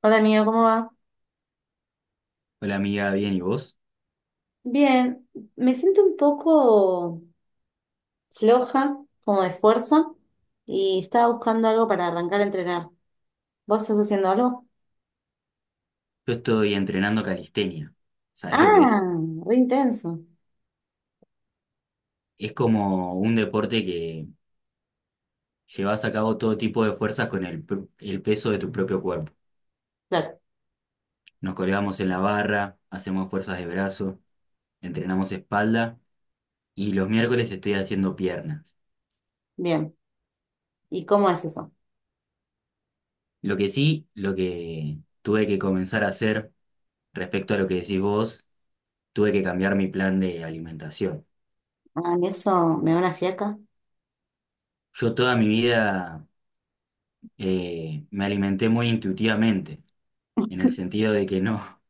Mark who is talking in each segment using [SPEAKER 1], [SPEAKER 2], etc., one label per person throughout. [SPEAKER 1] Hola amigo, ¿cómo va?
[SPEAKER 2] Hola amiga, bien, ¿y vos?
[SPEAKER 1] Bien, me siento un poco floja, como de fuerza, y estaba buscando algo para arrancar a entrenar. ¿Vos estás haciendo algo?
[SPEAKER 2] Yo estoy entrenando calistenia. ¿Sabés lo que
[SPEAKER 1] Ah,
[SPEAKER 2] es?
[SPEAKER 1] re intenso.
[SPEAKER 2] Es como un deporte que llevas a cabo todo tipo de fuerzas con el peso de tu propio cuerpo.
[SPEAKER 1] Claro,
[SPEAKER 2] Nos colgamos en la barra, hacemos fuerzas de brazo, entrenamos espalda y los miércoles estoy haciendo piernas.
[SPEAKER 1] bien. ¿Y cómo es eso?
[SPEAKER 2] Lo que sí, lo que tuve que comenzar a hacer respecto a lo que decís vos, tuve que cambiar mi plan de alimentación.
[SPEAKER 1] Ah, mí eso me da una fiaca.
[SPEAKER 2] Yo toda mi vida me alimenté muy intuitivamente, en el sentido de que no.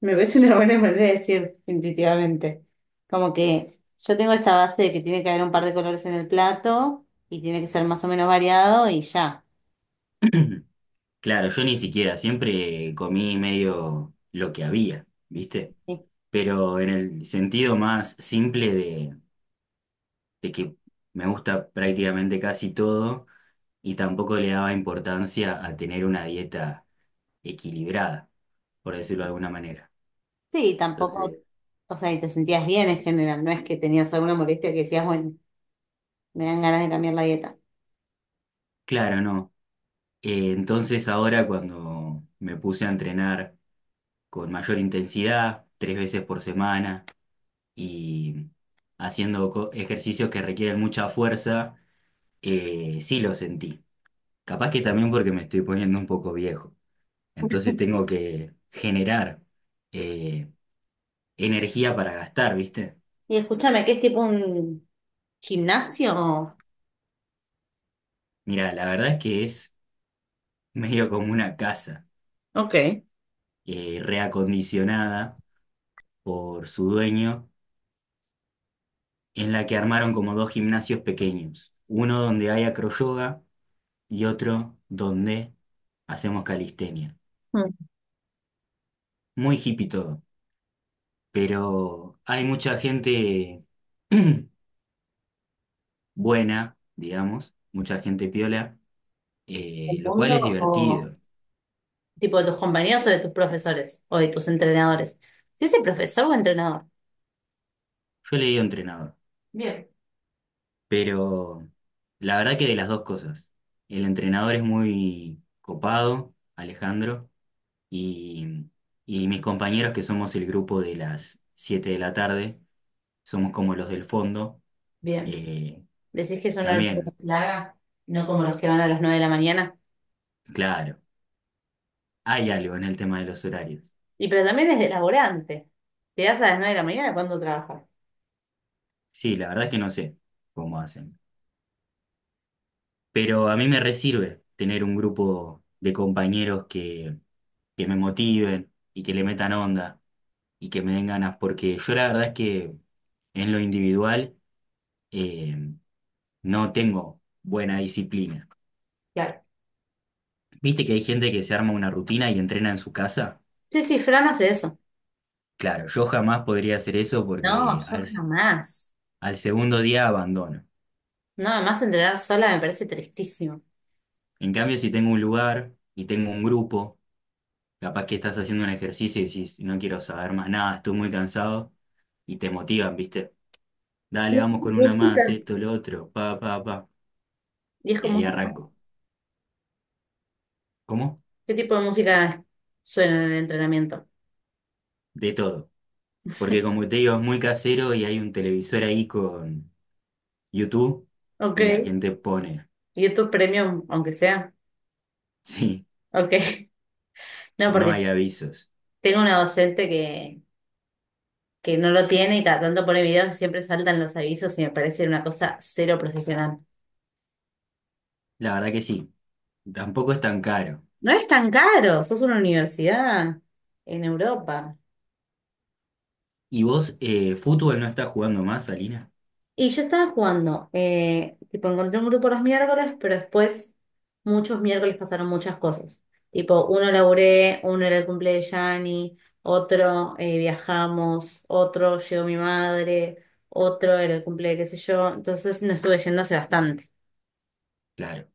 [SPEAKER 1] Me parece una buena manera de decir intuitivamente. Como que yo tengo esta base de que tiene que haber un par de colores en el plato y tiene que ser más o menos variado y ya.
[SPEAKER 2] Claro, yo ni siquiera, siempre comí medio lo que había, ¿viste?
[SPEAKER 1] Sí,
[SPEAKER 2] Pero en el sentido más simple de que me gusta prácticamente casi todo y tampoco le daba importancia a tener una dieta equilibrada, por decirlo de alguna manera.
[SPEAKER 1] Sí, tampoco.
[SPEAKER 2] Entonces,
[SPEAKER 1] O sea, y te sentías bien en general, no es que tenías alguna molestia que decías, bueno, me dan ganas de cambiar la dieta.
[SPEAKER 2] claro, no. Entonces ahora cuando me puse a entrenar con mayor intensidad, tres veces por semana, y haciendo ejercicios que requieren mucha fuerza, sí lo sentí. Capaz que también porque me estoy poniendo un poco viejo. Entonces tengo que generar eh, energía para gastar, ¿viste?
[SPEAKER 1] Y escúchame, ¿qué es tipo un gimnasio?
[SPEAKER 2] Mira, la verdad es que es medio como una casa
[SPEAKER 1] Ok.
[SPEAKER 2] reacondicionada por su dueño, en la que armaron como dos gimnasios pequeños. Uno donde hay acroyoga y otro donde hacemos calistenia.
[SPEAKER 1] Mm.
[SPEAKER 2] Muy hippie todo, pero hay mucha gente buena, digamos, mucha gente piola,
[SPEAKER 1] ¿Del
[SPEAKER 2] lo cual
[SPEAKER 1] mundo
[SPEAKER 2] es
[SPEAKER 1] o
[SPEAKER 2] divertido.
[SPEAKER 1] tipo de tus compañeros o de tus profesores o de tus entrenadores? ¿Sí es profesor o entrenador?
[SPEAKER 2] Yo le digo entrenador,
[SPEAKER 1] Bien.
[SPEAKER 2] pero la verdad que de las dos cosas. El entrenador es muy copado, Alejandro, y, y mis compañeros, que somos el grupo de las 7 de la tarde, somos como los del fondo,
[SPEAKER 1] Bien.
[SPEAKER 2] eh,
[SPEAKER 1] Decís que son horarios
[SPEAKER 2] también,
[SPEAKER 1] larga, no como los que van a las 9 de la mañana.
[SPEAKER 2] claro, hay algo en el tema de los horarios.
[SPEAKER 1] Y pero también es de laburante. Llegás a las 9 de la mañana cuando trabajas.
[SPEAKER 2] Sí, la verdad es que no sé cómo hacen. Pero a mí me resirve tener un grupo de compañeros que me motiven y que le metan onda y que me den ganas, porque yo la verdad es que en lo individual eh, no tengo buena disciplina.
[SPEAKER 1] Claro.
[SPEAKER 2] ¿Viste que hay gente que se arma una rutina y entrena en su casa?
[SPEAKER 1] Sí, sí, Fran hace eso.
[SPEAKER 2] Claro, yo jamás podría hacer eso
[SPEAKER 1] No,
[SPEAKER 2] porque
[SPEAKER 1] yo jamás.
[SPEAKER 2] al segundo día abandono.
[SPEAKER 1] No, además entrenar sola me parece tristísimo.
[SPEAKER 2] En cambio, si tengo un lugar y tengo un grupo, capaz que estás haciendo un ejercicio y decís, no quiero saber más nada, estoy muy cansado, y te motivan, ¿viste? Dale, vamos con una
[SPEAKER 1] Música.
[SPEAKER 2] más, esto, lo otro, pa, pa, pa.
[SPEAKER 1] ¿Y es
[SPEAKER 2] Y
[SPEAKER 1] como,
[SPEAKER 2] ahí arranco. ¿Cómo?
[SPEAKER 1] qué tipo de música suena en el entrenamiento?
[SPEAKER 2] De todo. Porque como te digo, es muy casero y hay un televisor ahí con YouTube
[SPEAKER 1] Ok,
[SPEAKER 2] y la gente pone,
[SPEAKER 1] y esto es premium, aunque sea.
[SPEAKER 2] sí,
[SPEAKER 1] Ok, no,
[SPEAKER 2] no
[SPEAKER 1] porque
[SPEAKER 2] hay avisos.
[SPEAKER 1] tengo una docente que no lo tiene y cada tanto pone videos y siempre saltan los avisos y me parece una cosa cero profesional.
[SPEAKER 2] La verdad que sí, tampoco es tan caro.
[SPEAKER 1] No es tan caro, sos una universidad en Europa.
[SPEAKER 2] ¿Y vos, fútbol no estás jugando más, alina?
[SPEAKER 1] Y yo estaba jugando, tipo, encontré un grupo los miércoles, pero después muchos miércoles pasaron muchas cosas. Tipo, uno laburé, uno era el cumple de Yanni, otro viajamos, otro llegó mi madre, otro era el cumple de qué sé yo. Entonces no estuve yendo hace bastante.
[SPEAKER 2] Claro,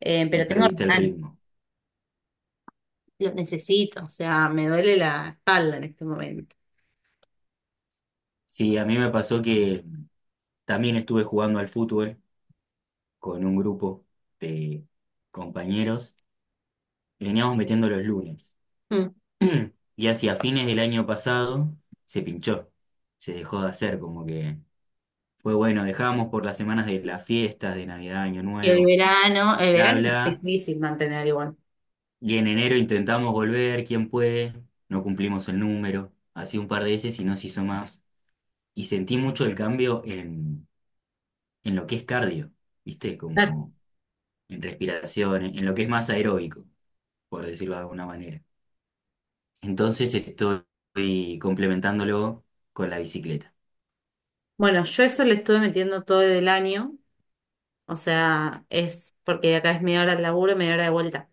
[SPEAKER 2] y
[SPEAKER 1] Pero tengo las
[SPEAKER 2] perdiste el
[SPEAKER 1] ganas,
[SPEAKER 2] ritmo.
[SPEAKER 1] lo necesito, o sea, me duele la espalda en este momento.
[SPEAKER 2] Sí, a mí me pasó que también estuve jugando al fútbol con un grupo de compañeros y veníamos metiendo los lunes.
[SPEAKER 1] Mm.
[SPEAKER 2] Y hacia fines del año pasado se pinchó, se dejó de hacer, como que fue bueno, dejamos por las semanas de las fiestas, de Navidad, Año
[SPEAKER 1] Y
[SPEAKER 2] Nuevo,
[SPEAKER 1] el
[SPEAKER 2] bla,
[SPEAKER 1] verano es
[SPEAKER 2] bla.
[SPEAKER 1] difícil mantener igual.
[SPEAKER 2] Y en enero intentamos volver, quién puede, no cumplimos el número, así un par de veces y no se hizo más. Y sentí mucho el cambio en lo que es cardio, ¿viste?
[SPEAKER 1] Claro.
[SPEAKER 2] Como en respiración, en lo que es más aeróbico, por decirlo de alguna manera. Entonces estoy complementándolo con la bicicleta.
[SPEAKER 1] Bueno, yo eso le estuve metiendo todo el año. O sea, es porque de acá es media hora de laburo, y media hora de vuelta.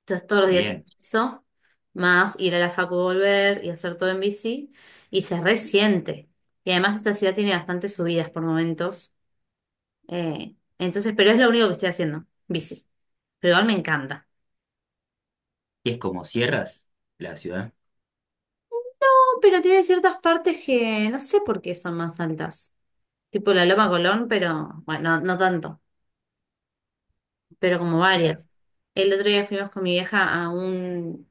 [SPEAKER 1] Entonces todos los días tengo
[SPEAKER 2] Bien.
[SPEAKER 1] eso, más ir a la facu, y volver y hacer todo en bici, y se resiente. Y además esta ciudad tiene bastantes subidas por momentos, entonces, pero es lo único que estoy haciendo, bici. Pero igual me encanta.
[SPEAKER 2] ¿Es como sierras la ciudad?
[SPEAKER 1] No, pero tiene ciertas partes que no sé por qué son más altas. Tipo la Loma Colón, pero bueno, no, no tanto, pero como
[SPEAKER 2] Claro.
[SPEAKER 1] varias. El otro día fuimos con mi vieja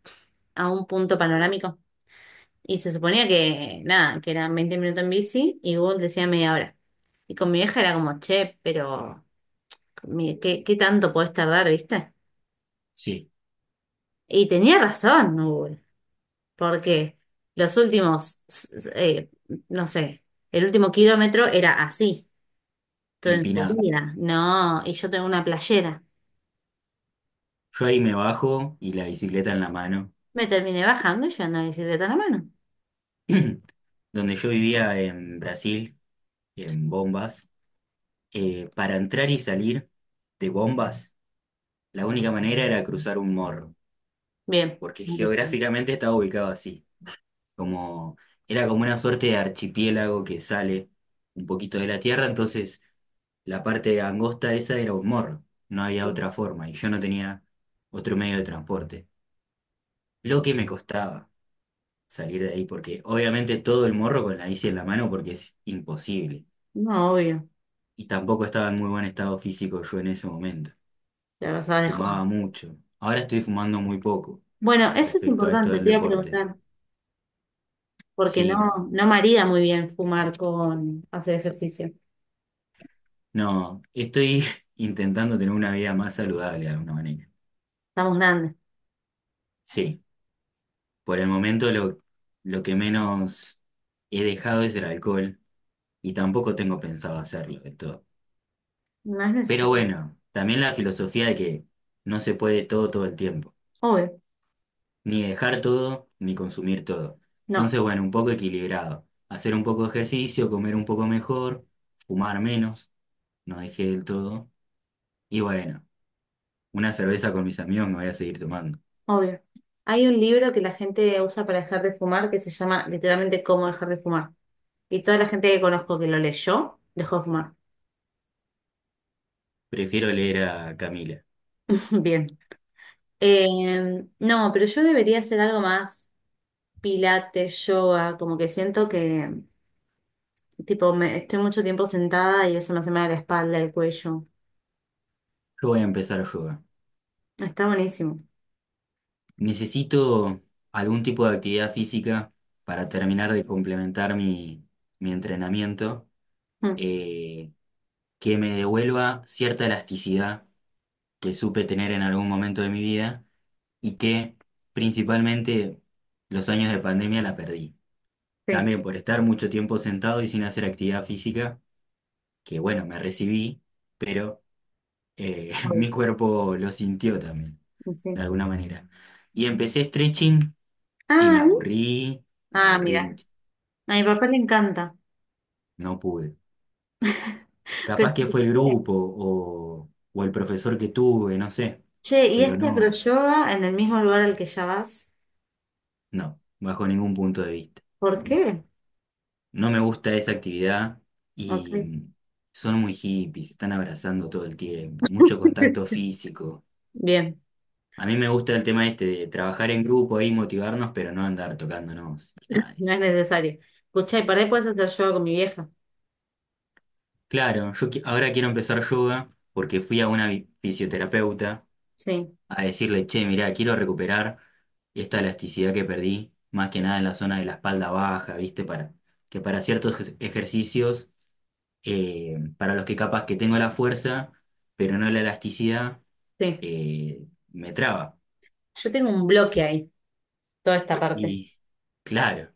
[SPEAKER 1] a un punto panorámico. Y se suponía que, nada, que eran 20 minutos en bici y Google decía media hora. Y con mi vieja era como, che, pero mire, ¿qué, qué tanto podés tardar, viste?
[SPEAKER 2] Sí,
[SPEAKER 1] Y tenía razón Google, porque los últimos, no sé, el último kilómetro era así, todo en
[SPEAKER 2] empinado.
[SPEAKER 1] subida, no, y yo tengo una playera.
[SPEAKER 2] Yo ahí me bajo y la bicicleta en la mano.
[SPEAKER 1] Me terminé bajando y yo ando en bicicleta en la mano.
[SPEAKER 2] Donde yo vivía en Brasil, en Bombas, para entrar y salir de Bombas, la única manera era cruzar un morro,
[SPEAKER 1] Bien.
[SPEAKER 2] porque geográficamente estaba ubicado así, como era como una suerte de archipiélago que sale un poquito de la tierra, entonces la parte angosta esa era un morro, no había otra forma y yo no tenía otro medio de transporte. Lo que me costaba salir de ahí, porque obviamente todo el morro con la bici en la mano porque es imposible.
[SPEAKER 1] No, obvio,
[SPEAKER 2] Y tampoco estaba en muy buen estado físico yo en ese momento.
[SPEAKER 1] la verdad dejó.
[SPEAKER 2] Fumaba mucho. Ahora estoy fumando muy poco
[SPEAKER 1] Bueno, eso es
[SPEAKER 2] respecto a esto
[SPEAKER 1] importante,
[SPEAKER 2] del
[SPEAKER 1] te iba a
[SPEAKER 2] deporte.
[SPEAKER 1] preguntar. Porque no,
[SPEAKER 2] Sí, no.
[SPEAKER 1] no marida muy bien fumar con hacer ejercicio.
[SPEAKER 2] No, estoy intentando tener una vida más saludable de alguna manera.
[SPEAKER 1] Estamos grandes.
[SPEAKER 2] Sí, por el momento lo que menos he dejado es el alcohol y tampoco tengo pensado hacerlo de todo.
[SPEAKER 1] No es
[SPEAKER 2] Pero
[SPEAKER 1] necesario.
[SPEAKER 2] bueno, también la filosofía de que no se puede todo todo el tiempo,
[SPEAKER 1] Obvio.
[SPEAKER 2] ni dejar todo, ni consumir todo.
[SPEAKER 1] No,
[SPEAKER 2] Entonces, bueno, un poco equilibrado. Hacer un poco de ejercicio, comer un poco mejor, fumar menos, no dejé del todo. Y bueno, una cerveza con mis amigos me voy a seguir tomando.
[SPEAKER 1] obvio. Hay un libro que la gente usa para dejar de fumar que se llama literalmente Cómo dejar de fumar. Y toda la gente que conozco que lo leyó dejó de fumar.
[SPEAKER 2] Prefiero leer a Camila.
[SPEAKER 1] Bien. No, pero yo debería hacer algo más, pilates, yoga, como que siento que tipo me, estoy mucho tiempo sentada y eso me hace mal a la espalda, el cuello.
[SPEAKER 2] Yo voy a empezar yoga.
[SPEAKER 1] Está buenísimo.
[SPEAKER 2] Necesito algún tipo de actividad física para terminar de complementar mi entrenamiento,
[SPEAKER 1] Mm,
[SPEAKER 2] eh, que me devuelva cierta elasticidad que supe tener en algún momento de mi vida y que principalmente los años de pandemia la perdí.
[SPEAKER 1] sí.
[SPEAKER 2] También por estar mucho tiempo sentado y sin hacer actividad física, que bueno, me recibí, pero
[SPEAKER 1] Obvio.
[SPEAKER 2] mi cuerpo lo sintió también,
[SPEAKER 1] Sí.
[SPEAKER 2] de alguna manera. Y empecé stretching y
[SPEAKER 1] Ah,
[SPEAKER 2] me
[SPEAKER 1] Ah,
[SPEAKER 2] aburrí
[SPEAKER 1] mira,
[SPEAKER 2] mucho,
[SPEAKER 1] a mi papá le encanta.
[SPEAKER 2] no pude.
[SPEAKER 1] Pero,
[SPEAKER 2] Capaz que
[SPEAKER 1] ¿por
[SPEAKER 2] fue el
[SPEAKER 1] qué?
[SPEAKER 2] grupo o el profesor que tuve, no sé,
[SPEAKER 1] Che, ¿y
[SPEAKER 2] pero
[SPEAKER 1] este
[SPEAKER 2] no,
[SPEAKER 1] acroyoga en el mismo lugar al que ya vas?
[SPEAKER 2] no, bajo ningún punto de vista.
[SPEAKER 1] ¿Por qué?
[SPEAKER 2] No me gusta esa actividad
[SPEAKER 1] Ok.
[SPEAKER 2] y son muy hippies, se están abrazando todo el tiempo, mucho contacto físico.
[SPEAKER 1] Bien,
[SPEAKER 2] A mí me gusta el tema este de trabajar en grupo y motivarnos, pero no andar tocándonos, ni nada de
[SPEAKER 1] no es
[SPEAKER 2] eso.
[SPEAKER 1] necesario. Escuchá, y por ahí puedes hacer yoga con mi vieja.
[SPEAKER 2] Claro, yo ahora quiero empezar yoga porque fui a una fisioterapeuta
[SPEAKER 1] Sí,
[SPEAKER 2] a decirle, che, mirá, quiero recuperar esta elasticidad que perdí, más que nada en la zona de la espalda baja, ¿viste? Que para ciertos ejercicios, para los que capaz que tengo la fuerza, pero no la elasticidad,
[SPEAKER 1] sí.
[SPEAKER 2] eh, me traba.
[SPEAKER 1] Yo tengo un bloque ahí, toda esta parte.
[SPEAKER 2] Y claro.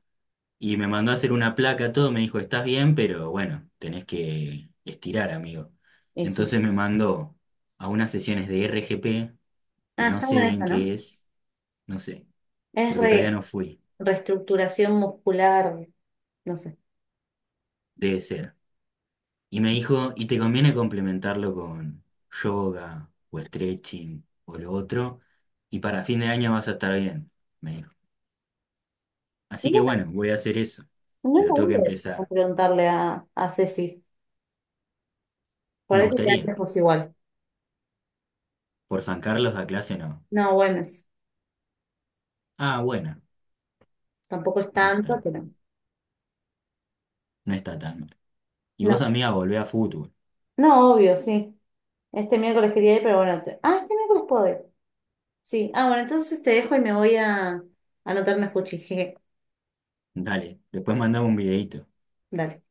[SPEAKER 2] Y me mandó a hacer una placa, todo, me dijo, estás bien, pero bueno, tenés que estirar, amigo.
[SPEAKER 1] Y sí.
[SPEAKER 2] Entonces me mandó a unas sesiones de RGP, que
[SPEAKER 1] Ah,
[SPEAKER 2] no
[SPEAKER 1] está
[SPEAKER 2] sé
[SPEAKER 1] buena
[SPEAKER 2] bien
[SPEAKER 1] esta, ¿no?
[SPEAKER 2] qué es, no sé,
[SPEAKER 1] Es
[SPEAKER 2] porque todavía no fui,
[SPEAKER 1] reestructuración muscular, no sé.
[SPEAKER 2] debe ser. Y me dijo, y te conviene complementarlo con yoga o stretching o lo otro, y para fin de año vas a estar bien, me dijo.
[SPEAKER 1] Y
[SPEAKER 2] Así que
[SPEAKER 1] bueno,
[SPEAKER 2] bueno, voy a hacer eso,
[SPEAKER 1] no la
[SPEAKER 2] pero tengo que
[SPEAKER 1] dudes a
[SPEAKER 2] empezar.
[SPEAKER 1] preguntarle a Ceci. Por
[SPEAKER 2] Me
[SPEAKER 1] ahí te quedas
[SPEAKER 2] gustaría,
[SPEAKER 1] lejos igual.
[SPEAKER 2] por San Carlos la clase no.
[SPEAKER 1] No, Güemes.
[SPEAKER 2] Ah, bueno,
[SPEAKER 1] Tampoco es
[SPEAKER 2] no
[SPEAKER 1] tanto,
[SPEAKER 2] está,
[SPEAKER 1] pero.
[SPEAKER 2] no está tan mal. Y vos,
[SPEAKER 1] No,
[SPEAKER 2] amiga, volvé a fútbol.
[SPEAKER 1] no, obvio, sí. Este miércoles quería ir, pero bueno. Ah, este miércoles puedo ir. Sí. Ah, bueno, entonces te dejo y me voy a anotarme fuchi. Jeje.
[SPEAKER 2] Dale, después mandame un videíto.
[SPEAKER 1] Dale.